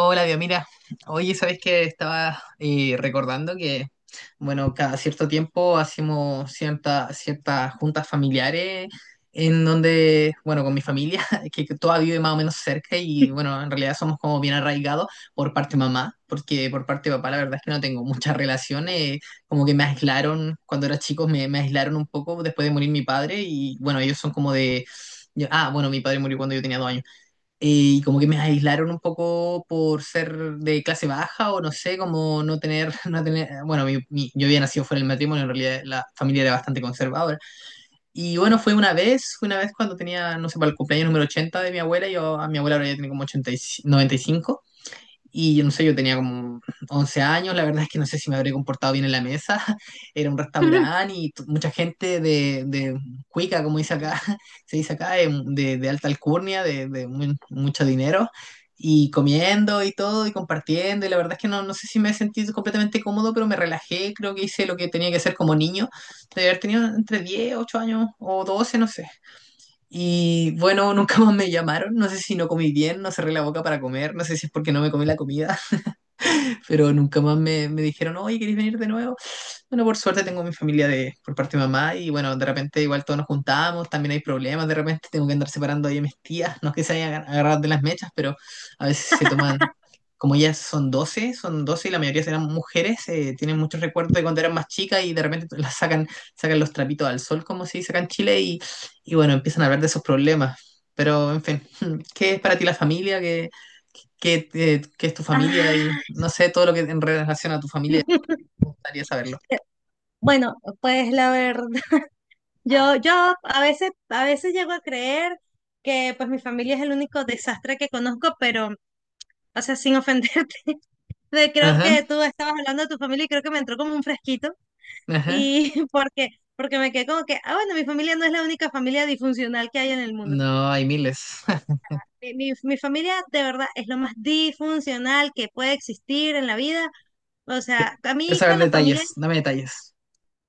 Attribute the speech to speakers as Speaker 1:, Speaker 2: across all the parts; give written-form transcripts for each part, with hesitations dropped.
Speaker 1: Hola, Dios, mira, oye, ¿sabes qué? Estaba recordando que, bueno, cada cierto tiempo hacemos ciertas juntas familiares en donde, bueno, con mi familia, que toda vive más o menos cerca y, bueno, en realidad somos como bien arraigados por parte de mamá, porque por parte de papá la verdad es que no tengo muchas relaciones, como que me aislaron, cuando era chico me aislaron un poco después de morir mi padre y, bueno, ellos son como de. Ah, bueno, mi padre murió cuando yo tenía 2 años, y como que me aislaron un poco por ser de clase baja o no sé, como no tener, no tener, bueno, yo había nacido fuera del matrimonio. En realidad la familia era bastante conservadora. Y bueno, fue una vez cuando tenía, no sé, para el cumpleaños número 80 de mi abuela. Yo a mi abuela ahora ya tiene como 80 y, 95, y yo no sé, yo tenía como 11 años. La verdad es que no sé si me habré comportado bien en la mesa. Era un restaurante y mucha gente de cuica, como dice acá, se dice acá, de alta alcurnia, de mucho dinero, y comiendo y todo, y compartiendo. Y la verdad es que no sé si me he sentido completamente cómodo, pero me relajé, creo que hice lo que tenía que hacer como niño. De haber tenido entre 10, 8 años o 12, no sé. Y bueno, nunca más me llamaron. No sé si no comí bien, no cerré la boca para comer, no sé si es porque no me comí la comida, pero nunca más me dijeron, oye, ¿queréis venir de nuevo? Bueno, por suerte tengo mi familia de, por parte de mamá, y bueno, de repente igual todos nos juntamos, también hay problemas, de repente tengo que andar separando ahí a mis tías, no es que se hayan agarrado de las mechas, pero a veces se toman, como ellas son 12 son 12 y la mayoría serán mujeres, tienen muchos recuerdos de cuando eran más chicas y de repente sacan los trapitos al sol, como se dice acá en Chile, y bueno, empiezan a hablar de esos problemas. Pero, en fin, ¿qué es para ti la familia? ¿Qué es tu familia y
Speaker 2: Ah,
Speaker 1: no sé, todo lo que en relación a tu familia? Me gustaría saberlo.
Speaker 2: eh, bueno, pues la verdad, yo a veces, a veces, llego a creer que pues mi familia es el único desastre que conozco, pero, o sea, sin ofenderte, creo
Speaker 1: Ajá,
Speaker 2: que tú estabas hablando de tu familia y creo que me entró como un fresquito
Speaker 1: ajá.
Speaker 2: y porque me quedé como que, ah, bueno, mi familia no es la única familia disfuncional que hay en el mundo.
Speaker 1: No, hay miles.
Speaker 2: Mi familia de verdad es lo más disfuncional que puede existir en la vida. O sea, a
Speaker 1: Quiero
Speaker 2: mí
Speaker 1: saber
Speaker 2: con la
Speaker 1: detalles,
Speaker 2: familia
Speaker 1: dame detalles.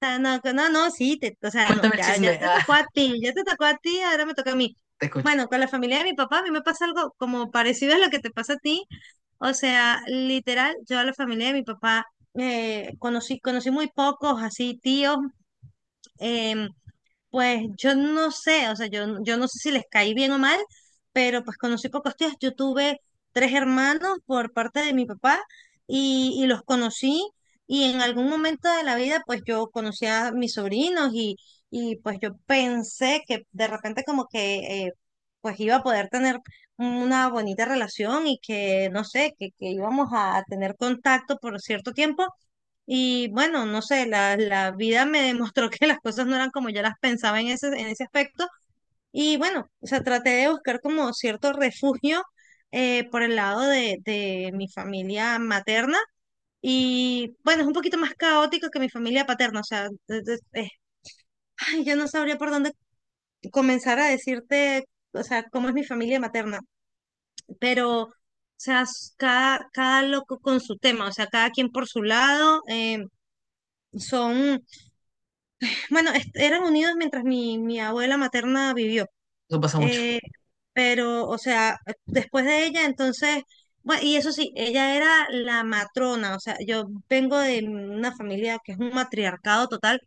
Speaker 2: sea, no, no, no, sí, te, o sea, no,
Speaker 1: Cuéntame el
Speaker 2: ya, ya
Speaker 1: chisme.
Speaker 2: te
Speaker 1: Ah,
Speaker 2: tocó a ti, ya te tocó a ti, ahora me toca a mí.
Speaker 1: te escucho.
Speaker 2: Bueno, con la familia de mi papá, a mí me pasa algo como parecido a lo que te pasa a ti. O sea, literal, yo a la familia de mi papá conocí muy pocos, así, tíos. em, pues yo no sé, o sea, yo, yo no sé si les caí bien o mal, pero pues conocí pocos tíos. Yo tuve tres hermanos por parte de mi papá y los conocí y en algún momento de la vida pues yo conocí a mis sobrinos y pues yo pensé que de repente como que pues iba a poder tener una bonita relación y que no sé, que íbamos a tener contacto por cierto tiempo y bueno, no sé, la vida me demostró que las cosas no eran como yo las pensaba en ese aspecto. Y bueno, o sea, traté de buscar como cierto refugio por el lado de mi familia materna. Y bueno, es un poquito más caótico que mi familia paterna. O sea, ay, yo no sabría por dónde comenzar a decirte, o sea, cómo es mi familia materna. Pero, o sea, cada, cada loco con su tema, o sea, cada quien por su lado. Son Bueno, eran unidos mientras mi abuela materna vivió.
Speaker 1: Eso pasa mucho.
Speaker 2: Eh, pero, o sea, después de ella, entonces, bueno, y eso sí, ella era la matrona, o sea, yo vengo de una familia que es un matriarcado total,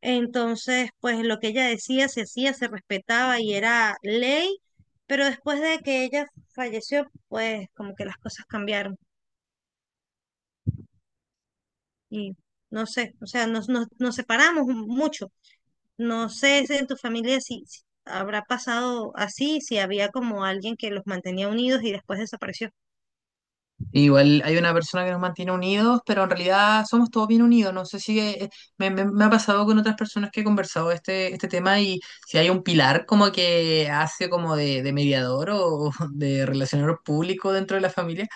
Speaker 2: entonces, pues lo que ella decía se hacía, se respetaba y era ley, pero después de que ella falleció, pues como que las cosas cambiaron y no sé, o sea, nos separamos mucho. No sé si en tu familia si, si habrá pasado así, si había como alguien que los mantenía unidos y después desapareció.
Speaker 1: Igual hay una persona que nos mantiene unidos, pero en realidad somos todos bien unidos. No sé si me ha pasado con otras personas que he conversado este tema, y si hay un pilar como que hace como de mediador o de relacionador público dentro de la familia.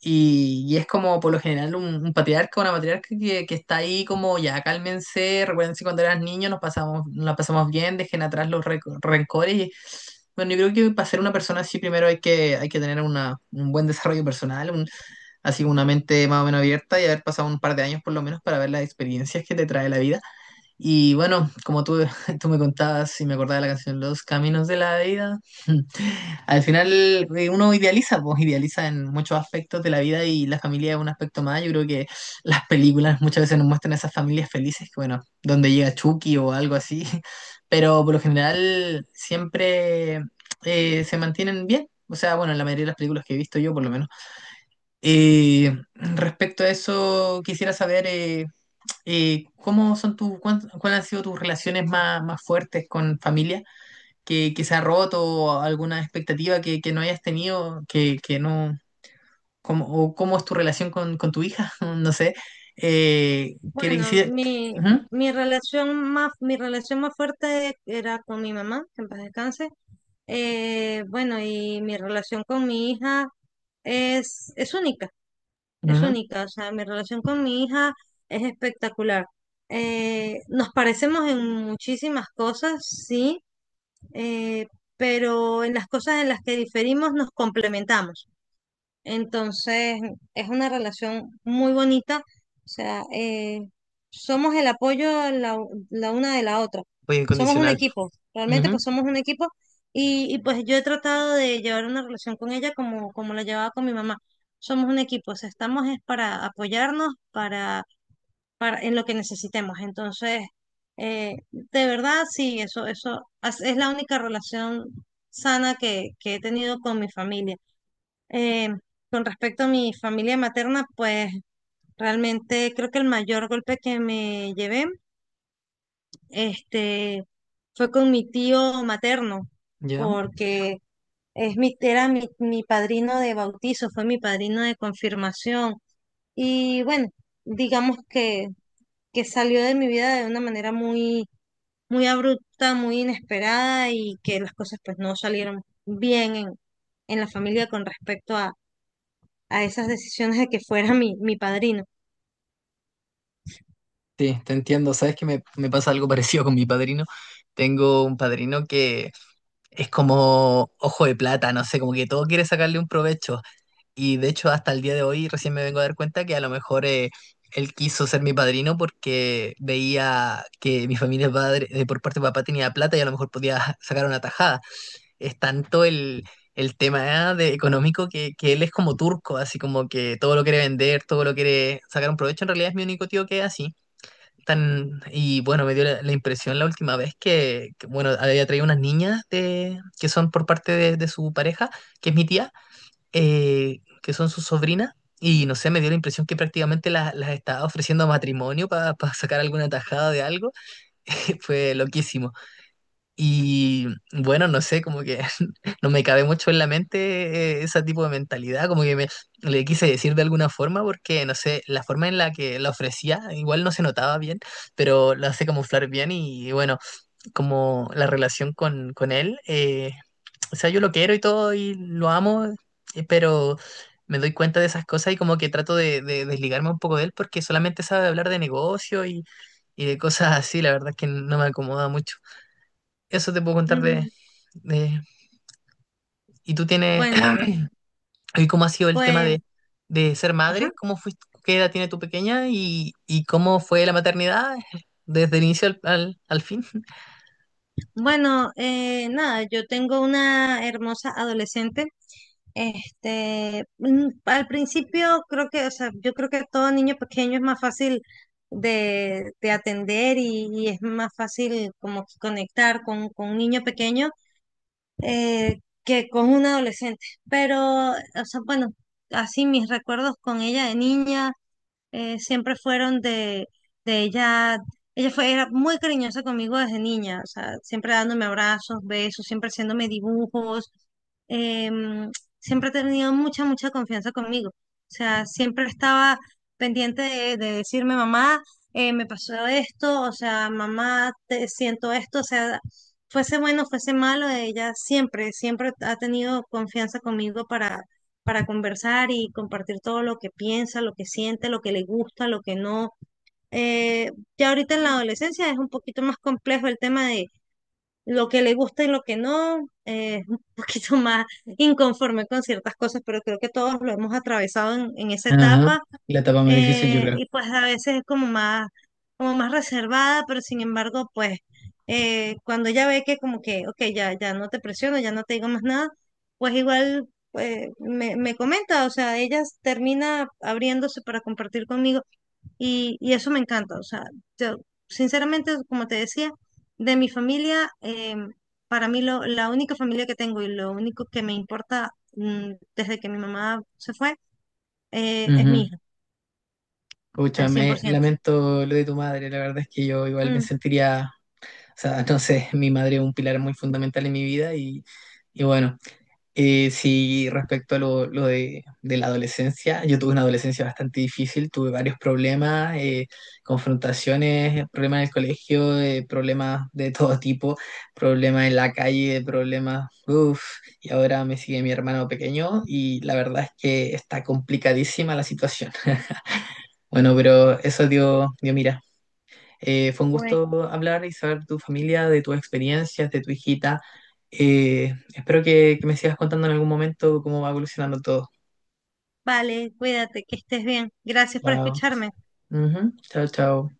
Speaker 1: Y es como por lo general un patriarca, una matriarca que está ahí como ya cálmense, recuerden si cuando eras niño nos la pasamos bien, dejen atrás los rencores. Y, bueno, yo creo que para ser una persona así primero hay que tener un buen desarrollo personal, así una mente más o menos abierta, y haber pasado un par de años por lo menos para ver las experiencias que te trae la vida. Y bueno, como tú, tú me contabas y me acordaba de la canción Los Caminos de la Vida, al final uno idealiza, pues idealiza en muchos aspectos de la vida, y la familia es un aspecto más. Yo creo que las películas muchas veces nos muestran esas familias felices, que bueno, donde llega Chucky o algo así, pero por lo general siempre se mantienen bien. O sea, bueno, en la mayoría de las películas que he visto yo, por lo menos. Respecto a eso, quisiera saber. ¿Cómo son cuáles han sido tus relaciones más, más fuertes con familia que se ha roto, o alguna expectativa que no hayas tenido, que no, cómo, o cómo es tu relación con tu hija? No sé. Que le
Speaker 2: Bueno,
Speaker 1: hiciera-. Ujú,
Speaker 2: mi relación más fuerte era con mi mamá, que en paz descanse. Bueno, y mi relación con mi hija es única, es
Speaker 1: ujú.
Speaker 2: única. O sea, mi relación con mi hija es espectacular. Nos parecemos en muchísimas cosas, sí, eh, pero en las cosas en las que diferimos nos complementamos. Entonces, es una relación muy bonita, o sea, somos el apoyo la una de la otra,
Speaker 1: Apoyo
Speaker 2: somos un
Speaker 1: incondicional.
Speaker 2: equipo, realmente pues
Speaker 1: Ujú,
Speaker 2: somos un equipo pues yo he tratado de llevar una relación con ella como, como la llevaba con mi mamá. Somos un equipo, o sea, estamos es para apoyarnos, para, en lo que necesitemos. Entonces, de verdad, sí, es la única relación sana que he tenido con mi familia. Eh, con respecto a mi familia materna, pues realmente creo que el mayor golpe que me llevé, este, fue con mi tío materno,
Speaker 1: ya.
Speaker 2: porque mi padrino de bautizo, fue mi padrino de confirmación. Y bueno, digamos que salió de mi vida de una manera muy, muy abrupta, muy inesperada y que las cosas pues no salieron bien en la familia con respecto a esas decisiones de que fuera mi padrino.
Speaker 1: Sí, te entiendo. Sabes que me pasa algo parecido con mi padrino. Tengo un padrino que es como ojo de plata, no sé, como que todo quiere sacarle un provecho. Y de hecho, hasta el día de hoy recién me vengo a dar cuenta que a lo mejor él quiso ser mi padrino porque veía que mi familia de por parte de papá tenía plata, y a lo mejor podía sacar una tajada. Es tanto el tema de económico que él es como turco, así como que todo lo quiere vender, todo lo quiere sacar un provecho. En realidad es mi único tío que es así. Y bueno, me dio la impresión la última vez bueno, había traído unas niñas de, que son por parte de su pareja, que es mi tía, que son sus sobrinas, y no sé, me dio la impresión que prácticamente las estaba ofreciendo matrimonio para sacar alguna tajada de algo. Fue loquísimo. Y bueno, no sé, como que no me cabe mucho en la mente ese tipo de mentalidad, como que me le quise decir de alguna forma, porque no sé, la forma en la que la ofrecía igual no se notaba bien, pero lo hace camuflar bien. Y bueno, como la relación con él. O sea, yo lo quiero y todo y lo amo, pero me doy cuenta de esas cosas y como que trato de desligarme un poco de él porque solamente sabe hablar de negocio, y de cosas así, la verdad es que no me acomoda mucho. Eso te puedo contar de...
Speaker 2: Mm,
Speaker 1: de-. ¿Y tú tienes...?
Speaker 2: bueno, pues,
Speaker 1: ¿Y cómo ha sido el tema
Speaker 2: pues,
Speaker 1: de ser madre?
Speaker 2: ajá.
Speaker 1: ¿Cómo fuiste, qué edad tiene tu pequeña, y cómo fue la maternidad desde el inicio al fin?
Speaker 2: Bueno, nada, yo tengo una hermosa adolescente. Al principio creo que, o sea, yo creo que a todo niño pequeño es más fácil de atender y es más fácil como que conectar con un niño pequeño, que con un adolescente. Pero, o sea, bueno, así mis recuerdos con ella de niña siempre fueron de ella. Ella fue, era muy cariñosa conmigo desde niña, o sea, siempre dándome abrazos, besos, siempre haciéndome dibujos. em, Siempre ha tenido mucha, mucha confianza conmigo. O sea, siempre estaba pendiente de decirme, mamá, me pasó esto, o sea, mamá, te siento esto, o sea, fuese bueno, fuese malo, ella siempre, siempre ha tenido confianza conmigo para conversar y compartir todo lo que piensa, lo que siente, lo que le gusta, lo que no. Eh, ya ahorita en la adolescencia es un poquito más complejo el tema de lo que le gusta y lo que no, es un poquito más inconforme con ciertas cosas, pero creo que todos lo hemos atravesado en esa etapa,
Speaker 1: La-. Yo creo.
Speaker 2: y pues a veces es como más reservada, pero sin embargo, pues cuando ella ve que como que, ok, ya, ya no te presiono, ya no te digo más nada, pues igual, me, me comenta, o sea, ella termina abriéndose para compartir conmigo y eso me encanta, o sea, yo sinceramente, como te decía, de mi familia, para mí la única familia que tengo y lo único que me importa, desde que mi mamá se fue, es mi
Speaker 1: Ujú.
Speaker 2: hija,
Speaker 1: Pucha,
Speaker 2: al cien por
Speaker 1: me
Speaker 2: ciento.
Speaker 1: lamento lo de tu madre, la verdad es que yo igual me
Speaker 2: Mm,
Speaker 1: sentiría, sea, no sé, mi madre es un pilar muy fundamental en mi vida, y bueno. Sí, respecto a lo de, la adolescencia, yo tuve una adolescencia bastante difícil, tuve varios problemas, confrontaciones, problemas en el colegio, problemas de todo tipo, problemas en la calle, problemas, uff, y ahora me sigue mi hermano pequeño, y la verdad es que está complicadísima la situación. Bueno, pero eso dio mira. Fue un
Speaker 2: bueno,
Speaker 1: gusto hablar y saber tu familia, de tus experiencias, de tu hijita. Espero que me sigas contando en algún momento cómo va evolucionando todo.
Speaker 2: vale, cuídate, que estés bien. Gracias por
Speaker 1: Chao.
Speaker 2: escucharme.
Speaker 1: Ujú. Chao, chao.